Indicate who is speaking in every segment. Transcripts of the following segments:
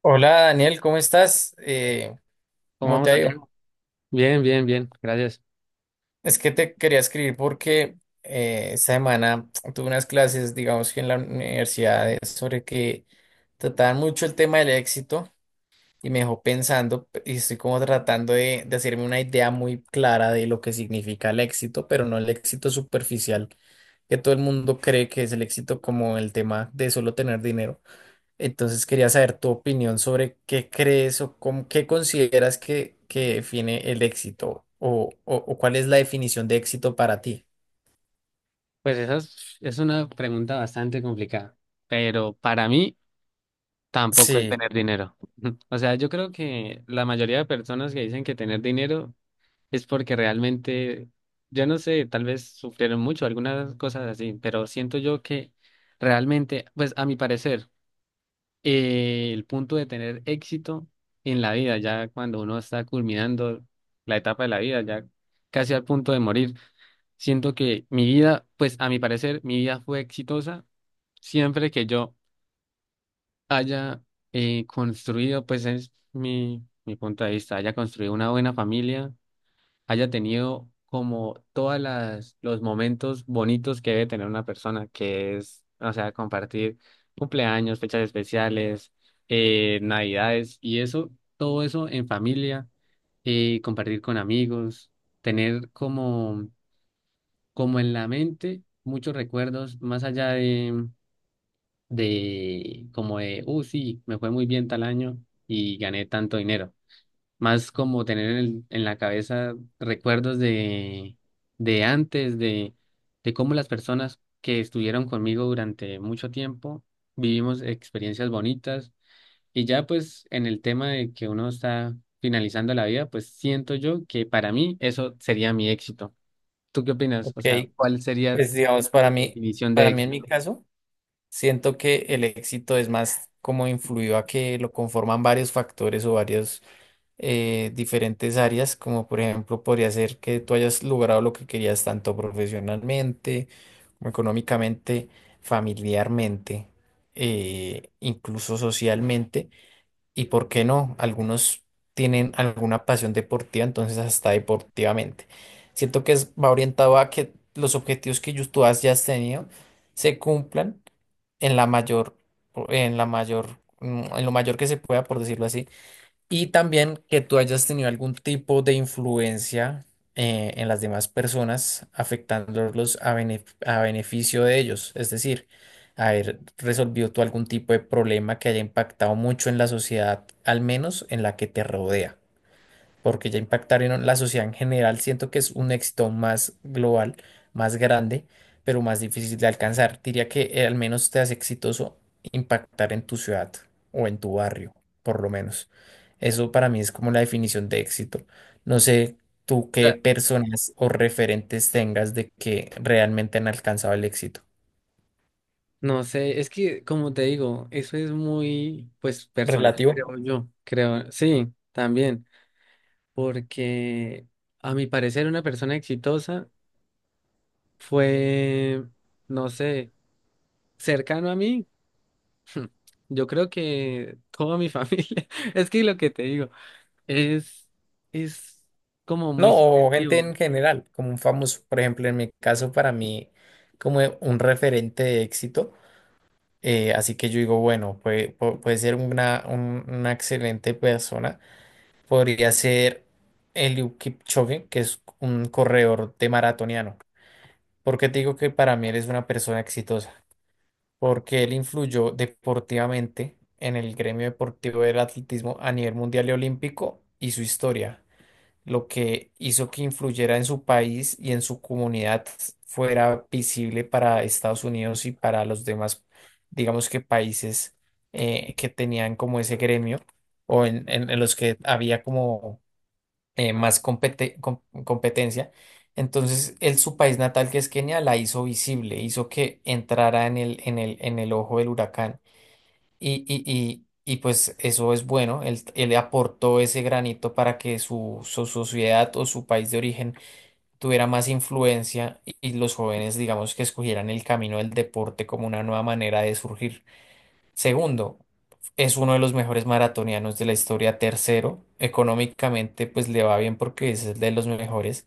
Speaker 1: Hola Daniel, ¿cómo estás?
Speaker 2: ¿Cómo
Speaker 1: ¿Cómo te
Speaker 2: vamos,
Speaker 1: ha ido?
Speaker 2: Santiago? Bien, bien, bien, gracias.
Speaker 1: Es que te quería escribir porque esta semana tuve unas clases, digamos que en la universidad, sobre que trataban mucho el tema del éxito y me dejó pensando y estoy como tratando de hacerme una idea muy clara de lo que significa el éxito, pero no el éxito superficial que todo el mundo cree que es el éxito, como el tema de solo tener dinero. Entonces quería saber tu opinión sobre qué crees o cómo, qué consideras que define el éxito, o cuál es la definición de éxito para ti.
Speaker 2: Pues esa es una pregunta bastante complicada, pero para mí tampoco es
Speaker 1: Sí,
Speaker 2: tener dinero. O sea, yo creo que la mayoría de personas que dicen que tener dinero es porque realmente, yo no sé, tal vez sufrieron mucho, algunas cosas así, pero siento yo que realmente, pues a mi parecer, el punto de tener éxito en la vida, ya cuando uno está culminando la etapa de la vida, ya casi al punto de morir. Siento que mi vida, pues a mi parecer, mi vida fue exitosa siempre que yo haya construido, pues es mi punto de vista, haya construido una buena familia, haya tenido como todas las los momentos bonitos que debe tener una persona, que es, o sea, compartir cumpleaños, fechas especiales, navidades y eso, todo eso en familia, compartir con amigos, tener como como en la mente, muchos recuerdos, más allá de como de, sí, me fue muy bien tal año y gané tanto dinero. Más como tener en, en la cabeza recuerdos de antes, de cómo las personas que estuvieron conmigo durante mucho tiempo vivimos experiencias bonitas. Y ya pues en el tema de que uno está finalizando la vida, pues siento yo que para mí eso sería mi éxito. ¿Tú qué opinas?
Speaker 1: ok.
Speaker 2: O sea, ¿cuál sería
Speaker 1: Pues digamos,
Speaker 2: tu definición de
Speaker 1: para mí en mi
Speaker 2: éxito?
Speaker 1: caso, siento que el éxito es más como influido a que lo conforman varios factores o varios, diferentes áreas, como por ejemplo podría ser que tú hayas logrado lo que querías, tanto profesionalmente como económicamente, familiarmente, incluso socialmente, y por qué no, algunos tienen alguna pasión deportiva, entonces hasta deportivamente. Siento que va orientado a que los objetivos que tú has, ya has tenido, se cumplan en la mayor, en la mayor, en lo mayor que se pueda, por decirlo así, y también que tú hayas tenido algún tipo de influencia, en las demás personas, afectándolos a, a beneficio de ellos. Es decir, haber resolvido tú algún tipo de problema que haya impactado mucho en la sociedad, al menos en la que te rodea. Porque ya impactar en la sociedad en general, siento que es un éxito más global, más grande, pero más difícil de alcanzar. Diría que al menos te hace exitoso impactar en tu ciudad o en tu barrio, por lo menos. Eso para mí es como la definición de éxito. No sé tú
Speaker 2: O
Speaker 1: qué
Speaker 2: sea,
Speaker 1: personas o referentes tengas de que realmente han alcanzado el éxito.
Speaker 2: no sé, es que como te digo, eso es muy, pues, personal,
Speaker 1: Relativo.
Speaker 2: creo yo, creo, sí, también, porque a mi parecer una persona exitosa fue, no sé, cercano a mí, yo creo que toda mi familia, es que lo que te digo, es, es como muy
Speaker 1: No, o gente
Speaker 2: subjetivo.
Speaker 1: en general, como un famoso, por ejemplo, en mi caso, para mí, como un referente de éxito. Así que yo digo, bueno, puede, puede ser una, una excelente persona. Podría ser Eliud Kipchoge, que es un corredor de maratoniano. ¿Por qué te digo que para mí eres una persona exitosa? Porque él influyó deportivamente en el gremio deportivo del atletismo a nivel mundial y olímpico, y su historia, lo que hizo que influyera en su país y en su comunidad, fuera visible para Estados Unidos y para los demás, digamos que países, que tenían como ese gremio o en, en los que había como, más competencia. Entonces, él, su país natal, que es Kenia, la hizo visible, hizo que entrara en el, en el, en el ojo del huracán. Y, y, y, y pues eso es bueno, él aportó ese granito para que su sociedad o su país de origen tuviera más influencia, y los jóvenes, digamos, que escogieran el camino del deporte como una nueva manera de surgir. Segundo, es uno de los mejores maratonianos de la historia. Tercero, económicamente pues le va bien porque es el de los mejores.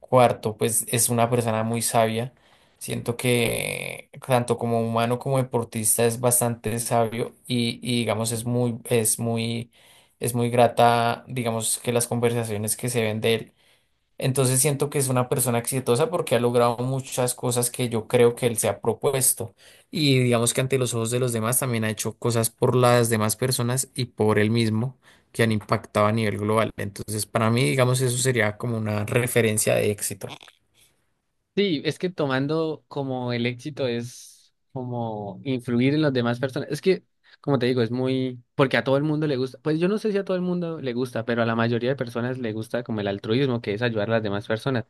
Speaker 1: Cuarto, pues es una persona muy sabia. Siento que tanto como humano como deportista es bastante sabio y, digamos es muy, es muy, es muy grata, digamos que las conversaciones que se ven de él. Entonces siento que es una persona exitosa porque ha logrado muchas cosas que yo creo que él se ha propuesto. Y digamos que ante los ojos de los demás también ha hecho cosas por las demás personas y por él mismo que han impactado a nivel global. Entonces para mí, digamos, eso sería como una referencia de éxito,
Speaker 2: Sí, es que tomando como el éxito es como influir en las demás personas. Es que, como te digo, es muy, porque a todo el mundo le gusta, pues yo no sé si a todo el mundo le gusta, pero a la mayoría de personas le gusta como el altruismo, que es ayudar a las demás personas.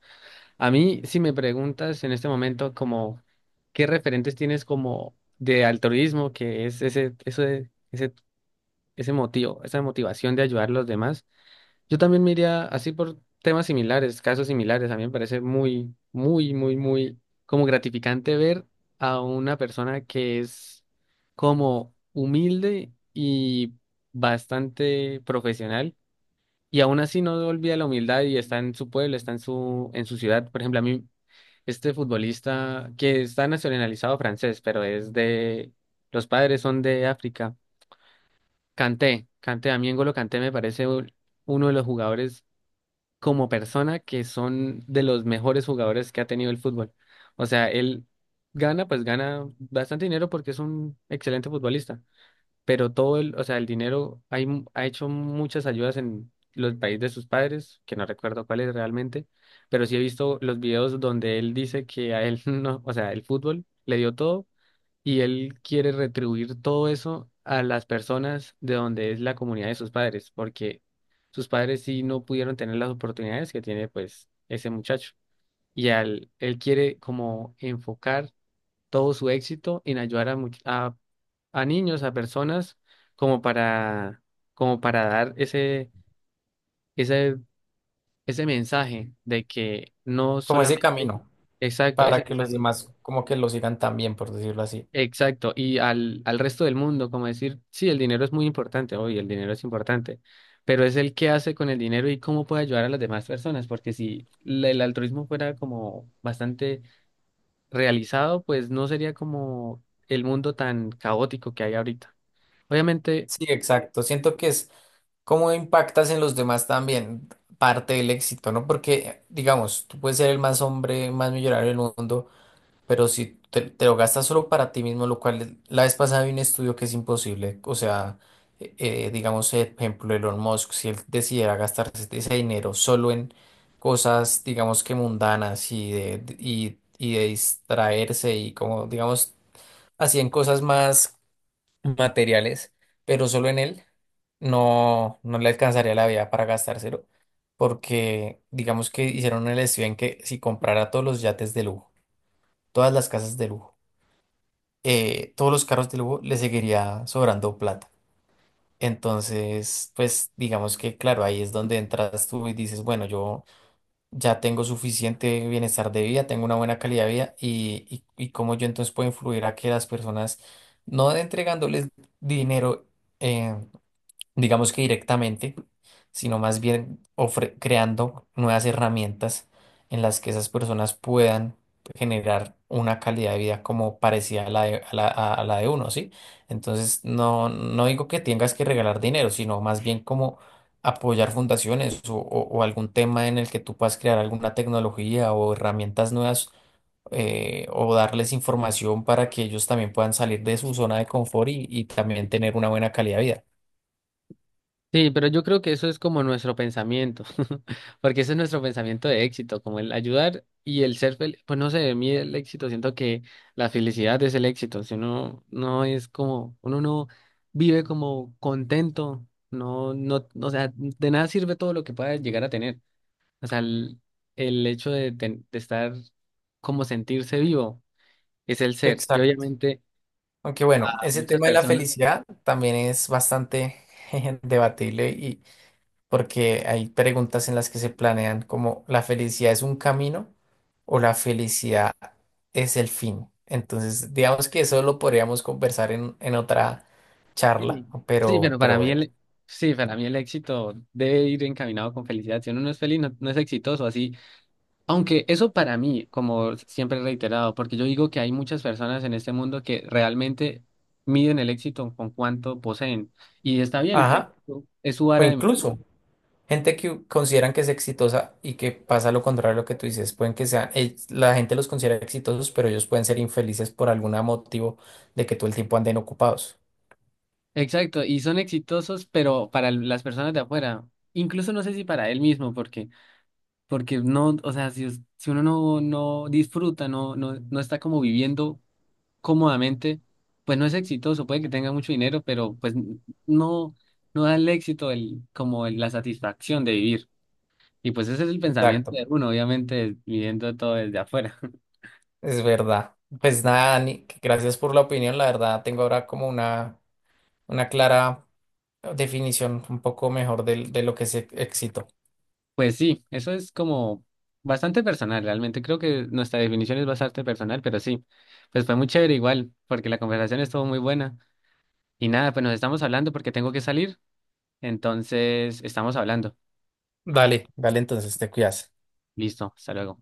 Speaker 2: A mí, si me preguntas en este momento como, ¿qué referentes tienes como de altruismo, que es ese motivo, esa motivación de ayudar a los demás? Yo también me iría así por temas similares, casos similares. A mí me parece muy, muy, muy, muy como gratificante ver a una persona que es como humilde y bastante profesional y aún así no olvida la humildad y está en su pueblo, está en su ciudad. Por ejemplo, a mí este futbolista que está nacionalizado francés, pero es de, los padres son de África. Kanté, Kanté, a mí N'Golo Kanté me parece uno de los jugadores como persona que son de los mejores jugadores que ha tenido el fútbol. O sea, él gana, pues gana bastante dinero porque es un excelente futbolista, pero todo el, o sea, el dinero hay ha hecho muchas ayudas en los países de sus padres, que no recuerdo cuál es realmente, pero sí he visto los videos donde él dice que a él no, o sea, el fútbol le dio todo y él quiere retribuir todo eso a las personas de donde es la comunidad de sus padres, porque sus padres sí no pudieron tener las oportunidades que tiene pues ese muchacho. Y al, él quiere como enfocar todo su éxito en ayudar a, a niños, a personas, como para, como para dar ese, ese mensaje de que no
Speaker 1: como ese
Speaker 2: solamente,
Speaker 1: camino
Speaker 2: exacto, ese
Speaker 1: para que los
Speaker 2: mensaje.
Speaker 1: demás como que lo sigan también, por decirlo así.
Speaker 2: Exacto, y al, al resto del mundo, como decir, sí, el dinero es muy importante, obvio, el dinero es importante, pero es el qué hace con el dinero y cómo puede ayudar a las demás personas, porque si el altruismo fuera como bastante realizado, pues no sería como el mundo tan caótico que hay ahorita. Obviamente
Speaker 1: Sí, exacto. Siento que es cómo impactas en los demás también, parte del éxito, ¿no? Porque, digamos, tú puedes ser el más hombre, más millonario del mundo. Pero si te, te lo gastas solo para ti mismo, lo cual la vez pasada vi un estudio que es imposible. O sea, digamos, por ejemplo, Elon Musk, si él decidiera gastarse ese dinero solo en cosas, digamos que mundanas y de, y de distraerse y como, digamos, así en cosas más materiales, pero solo en él, no, no le alcanzaría la vida para gastárselo. Porque, digamos que hicieron el estudio en que si comprara todos los yates de lujo, todas las casas de lujo, todos los carros del Hugo, le seguiría sobrando plata. Entonces, pues digamos que, claro, ahí es donde entras tú y dices, bueno, yo ya tengo suficiente bienestar de vida, tengo una buena calidad de vida, y cómo yo entonces puedo influir a que las personas, no entregándoles dinero, eh, digamos que directamente, sino más bien creando nuevas herramientas en las que esas personas puedan generar una calidad de vida como parecida a la de, a la, a la de uno, ¿sí? Entonces, no, no digo que tengas que regalar dinero, sino más bien como apoyar fundaciones, o algún tema en el que tú puedas crear alguna tecnología o herramientas nuevas, o darles información para que ellos también puedan salir de su zona de confort y también tener una buena calidad de vida.
Speaker 2: sí, pero yo creo que eso es como nuestro pensamiento, porque ese es nuestro pensamiento de éxito, como el ayudar y el ser feliz. Pues no sé, a mí el éxito, siento que la felicidad es el éxito. Si uno no es como, uno no vive como contento, no, o sea, de nada sirve todo lo que pueda llegar a tener. O sea, el hecho de, de estar como sentirse vivo es el ser. Y
Speaker 1: Exacto.
Speaker 2: obviamente
Speaker 1: Aunque bueno,
Speaker 2: a
Speaker 1: ese
Speaker 2: muchas
Speaker 1: tema de la
Speaker 2: personas.
Speaker 1: felicidad también es bastante debatible, y porque hay preguntas en las que se planean como la felicidad es un camino o la felicidad es el fin. Entonces, digamos que eso lo podríamos conversar en otra charla,
Speaker 2: Sí, sí, pero
Speaker 1: pero
Speaker 2: para mí
Speaker 1: bueno.
Speaker 2: el, sí, para mí el éxito debe ir encaminado con felicidad. Si uno no es feliz, no es exitoso así. Aunque eso para mí, como siempre he reiterado, porque yo digo que hay muchas personas en este mundo que realmente miden el éxito con cuánto poseen. Y está bien,
Speaker 1: Ajá.
Speaker 2: es su
Speaker 1: O
Speaker 2: vara de medir.
Speaker 1: incluso, gente que consideran que es exitosa y que pasa lo contrario a lo que tú dices, pueden que sea, la gente los considera exitosos, pero ellos pueden ser infelices por algún motivo de que todo el tiempo anden ocupados.
Speaker 2: Exacto, y son exitosos, pero para las personas de afuera, incluso no sé si para él mismo, porque, porque no, o sea, si, si uno no, no disfruta, no está como viviendo cómodamente, pues no es exitoso, puede que tenga mucho dinero, pero pues no, no da el éxito el, como la satisfacción de vivir. Y pues ese es el pensamiento
Speaker 1: Exacto,
Speaker 2: de uno, obviamente, viviendo todo desde afuera.
Speaker 1: es verdad. Pues nada, Dani, que gracias por la opinión. La verdad, tengo ahora como una clara definición un poco mejor de lo que es éxito.
Speaker 2: Pues sí, eso es como bastante personal, realmente. Creo que nuestra definición es bastante personal, pero sí, pues fue muy chévere igual, porque la conversación estuvo muy buena. Y nada, pues nos estamos hablando porque tengo que salir, entonces estamos hablando.
Speaker 1: Dale, dale, entonces te cuidas.
Speaker 2: Listo, hasta luego.